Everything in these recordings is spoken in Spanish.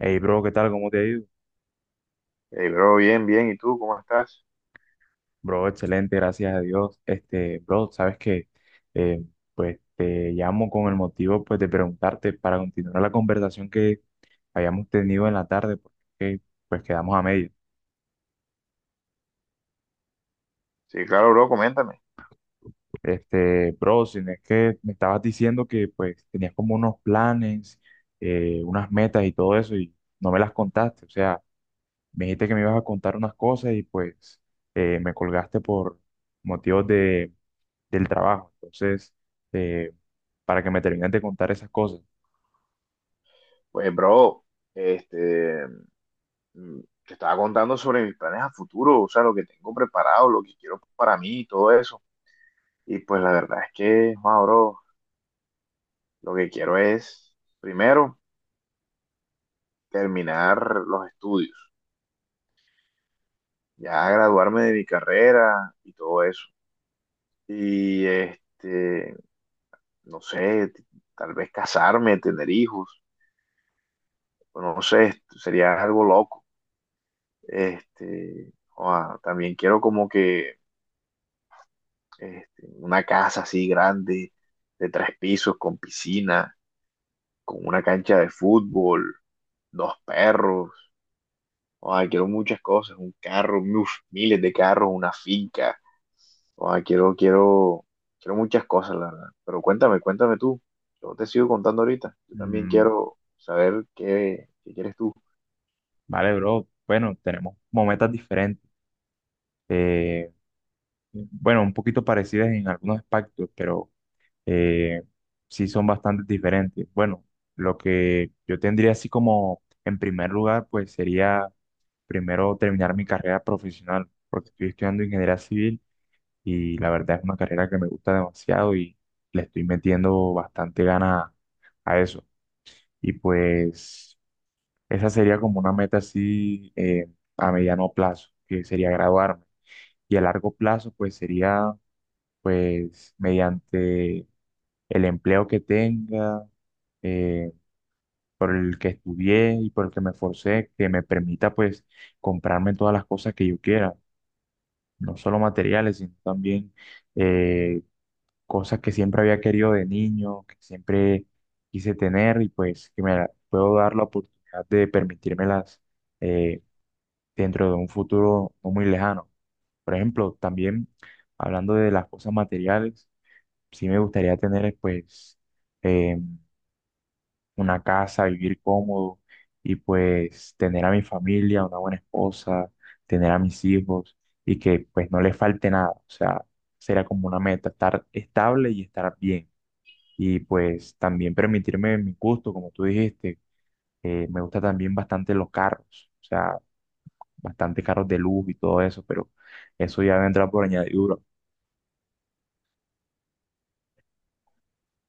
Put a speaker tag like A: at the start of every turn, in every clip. A: Hey, bro, ¿qué tal? ¿Cómo te ha ido?
B: Hey, bro, bien, bien. ¿Y tú cómo estás?
A: Bro, excelente, gracias a Dios. Bro, sabes que eh, pues te llamo con el motivo pues de preguntarte para continuar la conversación que habíamos tenido en la tarde, porque pues quedamos a medio.
B: Sí, claro, bro, coméntame.
A: Este, bro, si no es que me estabas diciendo que pues tenías como unos planes, unas metas y todo eso y no me las contaste. O sea, me dijiste que me ibas a contar unas cosas y pues me colgaste por motivos de del trabajo. Entonces, eh, para que me termines de contar esas cosas.
B: Pues, bro, este, te estaba contando sobre mis planes a futuro, o sea, lo que tengo preparado, lo que quiero para mí y todo eso. Y pues la verdad es que, wow, bro, lo que quiero es, primero, terminar los estudios, ya graduarme de mi carrera y todo eso. Y no sé, tal vez casarme, tener hijos, o no sé, sería algo loco. También quiero como que una casa así grande, de tres pisos, con piscina, con una cancha de fútbol, dos perros. Quiero muchas cosas, un carro, uf, miles de carros, una finca. Quiero, quiero, quiero muchas cosas, la verdad. Pero cuéntame, cuéntame tú. Yo te sigo contando ahorita. Yo también
A: Mm,
B: quiero saber qué quieres tú.
A: vale, bro. Bueno, tenemos como metas diferentes. eh, bueno, un poquito parecidas en algunos aspectos, pero eh, sí son bastante diferentes. Bueno, lo que yo tendría así como en primer lugar, pues sería primero terminar mi carrera profesional, porque estoy estudiando ingeniería civil y la verdad. Y pues esa sería como una meta así a mediano plazo, que sería graduarme. Y a largo plazo, pues sería pues mediante el empleo que tenga, eh, por el que estudié y por el que me esforcé, que me permita pues comprarme todas las cosas que yo quiera, no solo materiales, sino también eh, cosas que siempre había querido de niño, que siempre quise tener y pues que puedo dar la oportunidad de permitírmelas eh, dentro de un futuro no muy lejano. Por ejemplo, también hablando de las cosas materiales, sí me gustaría tener eh, una casa, vivir cómodo y pues tener a mi familia, una buena esposa, tener a mis hijos y que pues no les falte nada. O sea, será como una meta, estar estable y estar bien y pues también permitirme mi gusto, como tú dijiste, me gusta también bastante los carros, o sea, bastante carros de lujo y todo eso, pero eso ya vendrá por añadidura.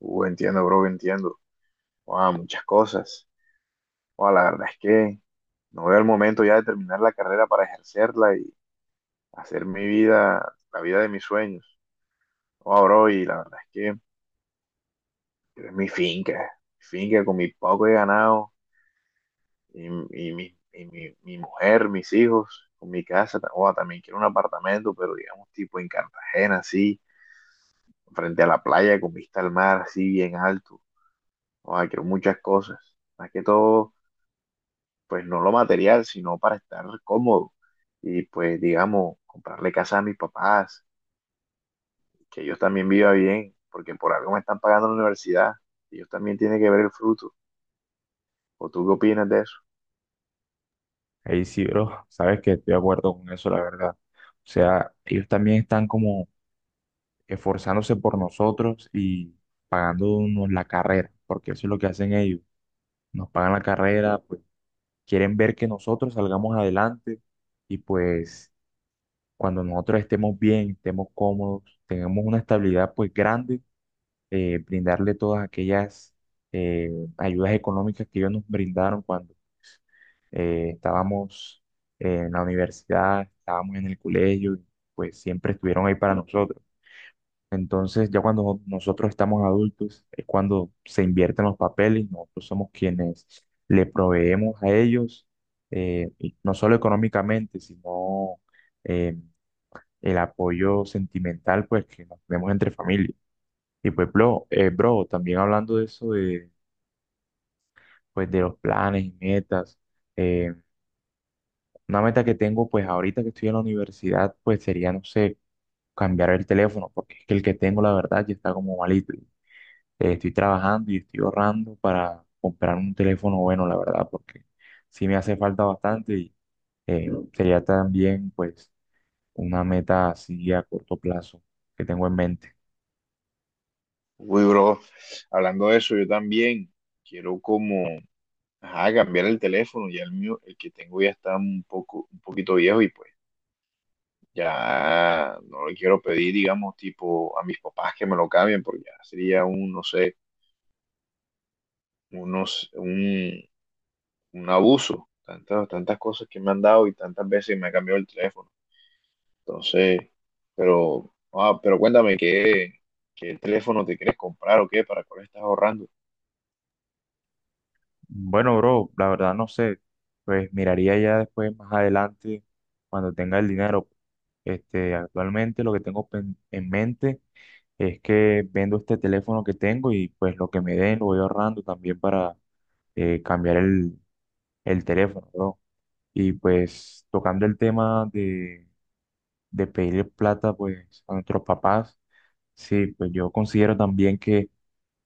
B: Entiendo, bro, entiendo. Ah, muchas cosas. O la verdad es que no veo el momento ya de terminar la carrera para ejercerla y hacer mi vida, la vida de mis sueños. O bro, y la verdad es que quiero es mi finca con mi poco de ganado y, y mi mujer, mis hijos, con mi casa. O también quiero un apartamento, pero digamos tipo en Cartagena, así, frente a la playa con vista al mar, así bien alto. O quiero muchas cosas. Más que todo pues no lo material, sino para estar cómodo y pues digamos, comprarle casa a mis papás, que ellos también vivan bien, porque por algo me están pagando la universidad, ellos también tienen que ver el fruto. ¿O tú qué opinas de eso?
A: Ahí sí, bro, sabes que estoy de acuerdo con eso, la verdad. O sea, ellos también están como esforzándose por nosotros y pagándonos la carrera, porque eso es lo que hacen ellos. Nos pagan la carrera, pues quieren ver que nosotros salgamos adelante y pues cuando nosotros estemos bien, estemos cómodos, tengamos una estabilidad pues grande, brindarle todas aquellas eh, ayudas económicas que ellos nos brindaron cuando pues, estábamos en la universidad, estábamos en el colegio, y, pues siempre estuvieron ahí para nosotros. Entonces, ya cuando nosotros estamos adultos, es cuando se invierten los papeles, nosotros somos quienes le proveemos a ellos, y no solo económicamente, sino eh, el apoyo sentimental pues que nos tenemos entre familia. Y pues, bro, bro, también hablando de eso de, pues, de los planes y metas, eh, una meta que tengo pues ahorita que estoy en la universidad pues sería, no sé, cambiar el teléfono, porque es que el que tengo la verdad ya está como malito. Y, eh, estoy trabajando y estoy ahorrando para comprar un teléfono bueno, la verdad, porque sí me hace falta bastante y sería también pues una meta así a corto plazo que tengo en mente.
B: Uy, bro, hablando de eso, yo también quiero como, ajá, cambiar el teléfono, ya el mío, el que tengo ya está un poquito viejo y pues ya no le quiero pedir, digamos, tipo a mis papás que me lo cambien, porque ya sería no sé, unos, un, un abuso, tantas, tantas cosas que me han dado y tantas veces me ha cambiado el teléfono. Entonces, pero cuéntame, ¿qué teléfono te quieres comprar o qué? ¿Para cuál estás ahorrando?
A: Bueno, bro, la verdad no sé. Pues miraría ya después más adelante cuando tenga el dinero. Este, actualmente lo que tengo en mente es que vendo este teléfono que tengo y pues lo que me den lo voy ahorrando también para cambiar el teléfono, bro. Y pues tocando el tema de pedir plata pues a nuestros papás, sí, pues yo considero también que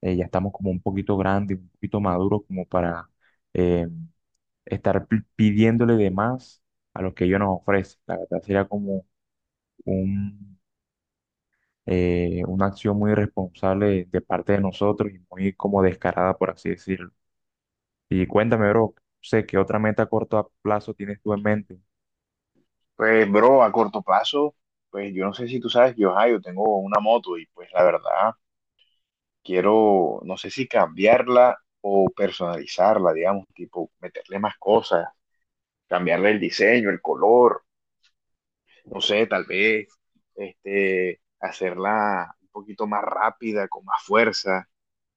A: ya estamos como un poquito grandes, un poquito maduros como para... eh, estar pidiéndole de más a lo que ellos nos ofrecen. La verdad sería como un, una acción muy irresponsable de parte de nosotros y muy como descarada, por así decirlo. Y cuéntame, bro, sé qué otra meta a corto plazo tienes tú en mente.
B: Pues, bro, a corto plazo, pues yo no sé si tú sabes que yo, ajá, yo tengo una moto y pues la verdad quiero, no sé si cambiarla o personalizarla, digamos, tipo meterle más cosas, cambiarle el diseño, el color, no sé, tal vez hacerla un poquito más rápida, con más fuerza,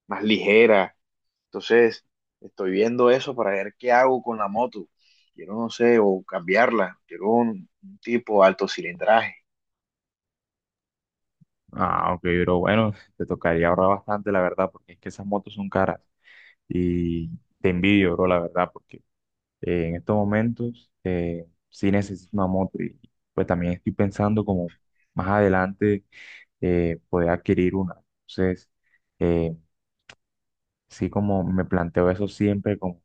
B: más ligera. Entonces, estoy viendo eso para ver qué hago con la moto. Quiero, no sé, o cambiarla. Quiero un tipo alto cilindraje.
A: Ah, ok, bro, bueno, te tocaría ahorrar bastante, la verdad, porque es que esas motos son caras y te envidio, bro, la verdad, porque en estos momentos sí necesito una moto y pues también estoy pensando como más adelante poder adquirir una. Entonces, eh, sí como me planteo eso siempre con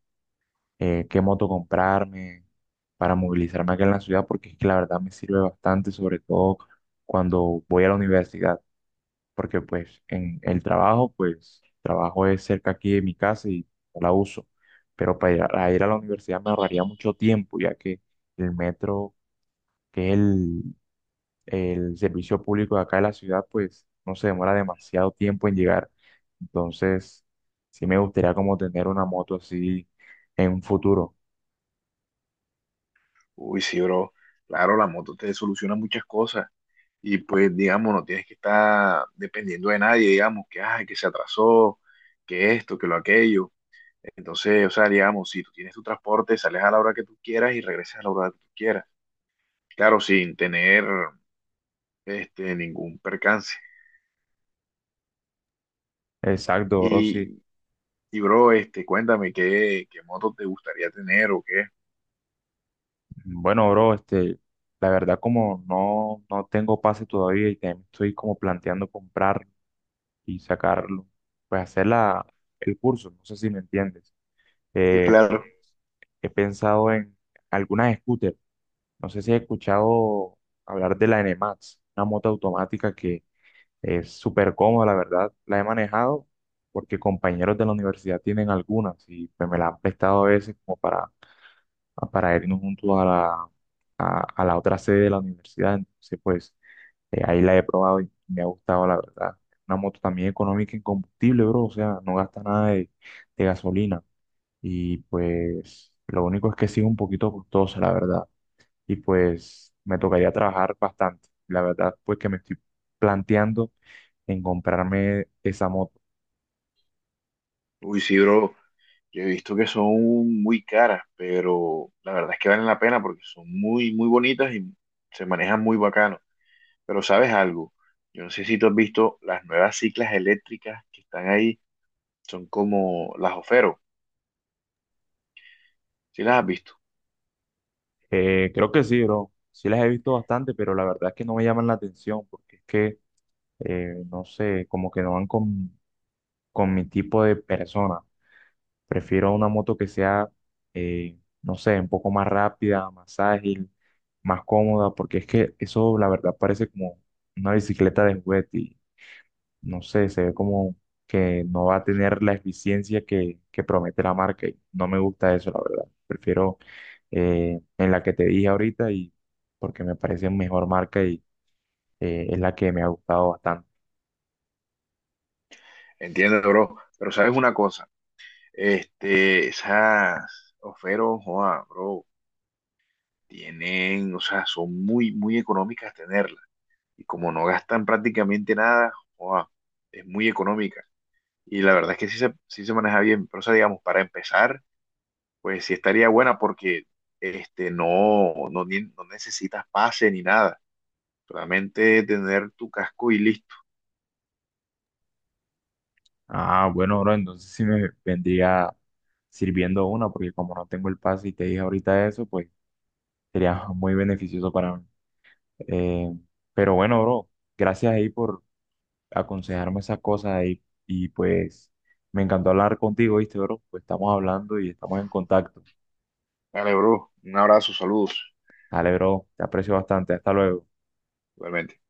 A: qué moto comprarme para movilizarme acá en la ciudad, porque es que la verdad me sirve bastante, sobre todo cuando voy a la universidad, porque pues en el trabajo, pues trabajo es cerca aquí de mi casa y no la uso, pero para ir a ir a la universidad me ahorraría mucho tiempo, ya que el metro, que es el servicio público de acá de la ciudad, pues no se demora demasiado tiempo en llegar. Entonces, sí me gustaría como tener una moto así en un futuro.
B: Uy, sí, bro. Claro, la moto te soluciona muchas cosas. Y pues, digamos, no tienes que estar dependiendo de nadie, digamos, que, ay, que se atrasó, que esto, que lo aquello. Entonces, o sea, digamos, si tú tienes tu transporte, sales a la hora que tú quieras y regresas a la hora que tú quieras. Claro, sin tener ningún percance.
A: Exacto, bro, sí.
B: Y, y bro, cuéntame qué moto te gustaría tener o qué.
A: Bueno, bro, este, la verdad como no tengo pase todavía y también estoy como planteando comprar y sacarlo, pues hacer el curso, no sé si me entiendes.
B: Sí, claro.
A: Pues he pensado en algunas scooters. No sé si has escuchado hablar de la NMAX, una moto automática que es súper cómoda, la verdad. La he manejado porque compañeros de la universidad tienen algunas y pues, me la han prestado a veces como para irnos juntos a a la otra sede de la universidad. Entonces, pues ahí la he probado y me ha gustado, la verdad. Una moto también económica en combustible, bro. O sea, no gasta nada de, de gasolina. Y pues lo único es que sí es un poquito costosa, la verdad y pues me tocaría trabajar bastante. La verdad, pues que me estoy planteando en comprarme esa moto.
B: Uy, sí, bro, yo he visto que son muy caras, pero la verdad es que valen la pena porque son muy, muy bonitas y se manejan muy bacano. Pero ¿sabes algo? Yo no sé si tú has visto las nuevas ciclas eléctricas que están ahí, son como las Ofero. ¿Sí las has visto?
A: Creo que sí, bro. Sí las he visto bastante, pero la verdad es que no me llaman la atención porque es que, no sé, como que no van con mi tipo de persona. Prefiero una moto que sea, no sé, un poco más rápida, más ágil, más cómoda, porque es que eso, la verdad, parece como una bicicleta de juguete. No sé, se ve como que no va a tener la eficiencia que promete la marca y no me gusta eso, la verdad. Prefiero en la que te dije ahorita y porque me parece mejor marca y es la que me ha gustado bastante.
B: Entiendo, bro. Pero sabes una cosa, esas ofertas, joa, bro, tienen, o sea, son muy, muy económicas tenerlas. Y como no gastan prácticamente nada, joa, es muy económica. Y la verdad es que sí se maneja bien. Pero, o sea, digamos, para empezar, pues sí estaría buena porque no necesitas pase ni nada. Solamente tener tu casco y listo.
A: Ah, bueno, bro, entonces sí me vendría sirviendo una porque como no tengo el pase y te dije ahorita eso, pues sería muy beneficioso para mí. Eh, pero bueno, bro, gracias ahí por aconsejarme esas cosas y pues me encantó hablar contigo, ¿viste, bro? Pues estamos hablando y estamos en contacto.
B: Dale, bro. Un abrazo, saludos.
A: Dale, bro, te aprecio bastante. Hasta luego.
B: Igualmente.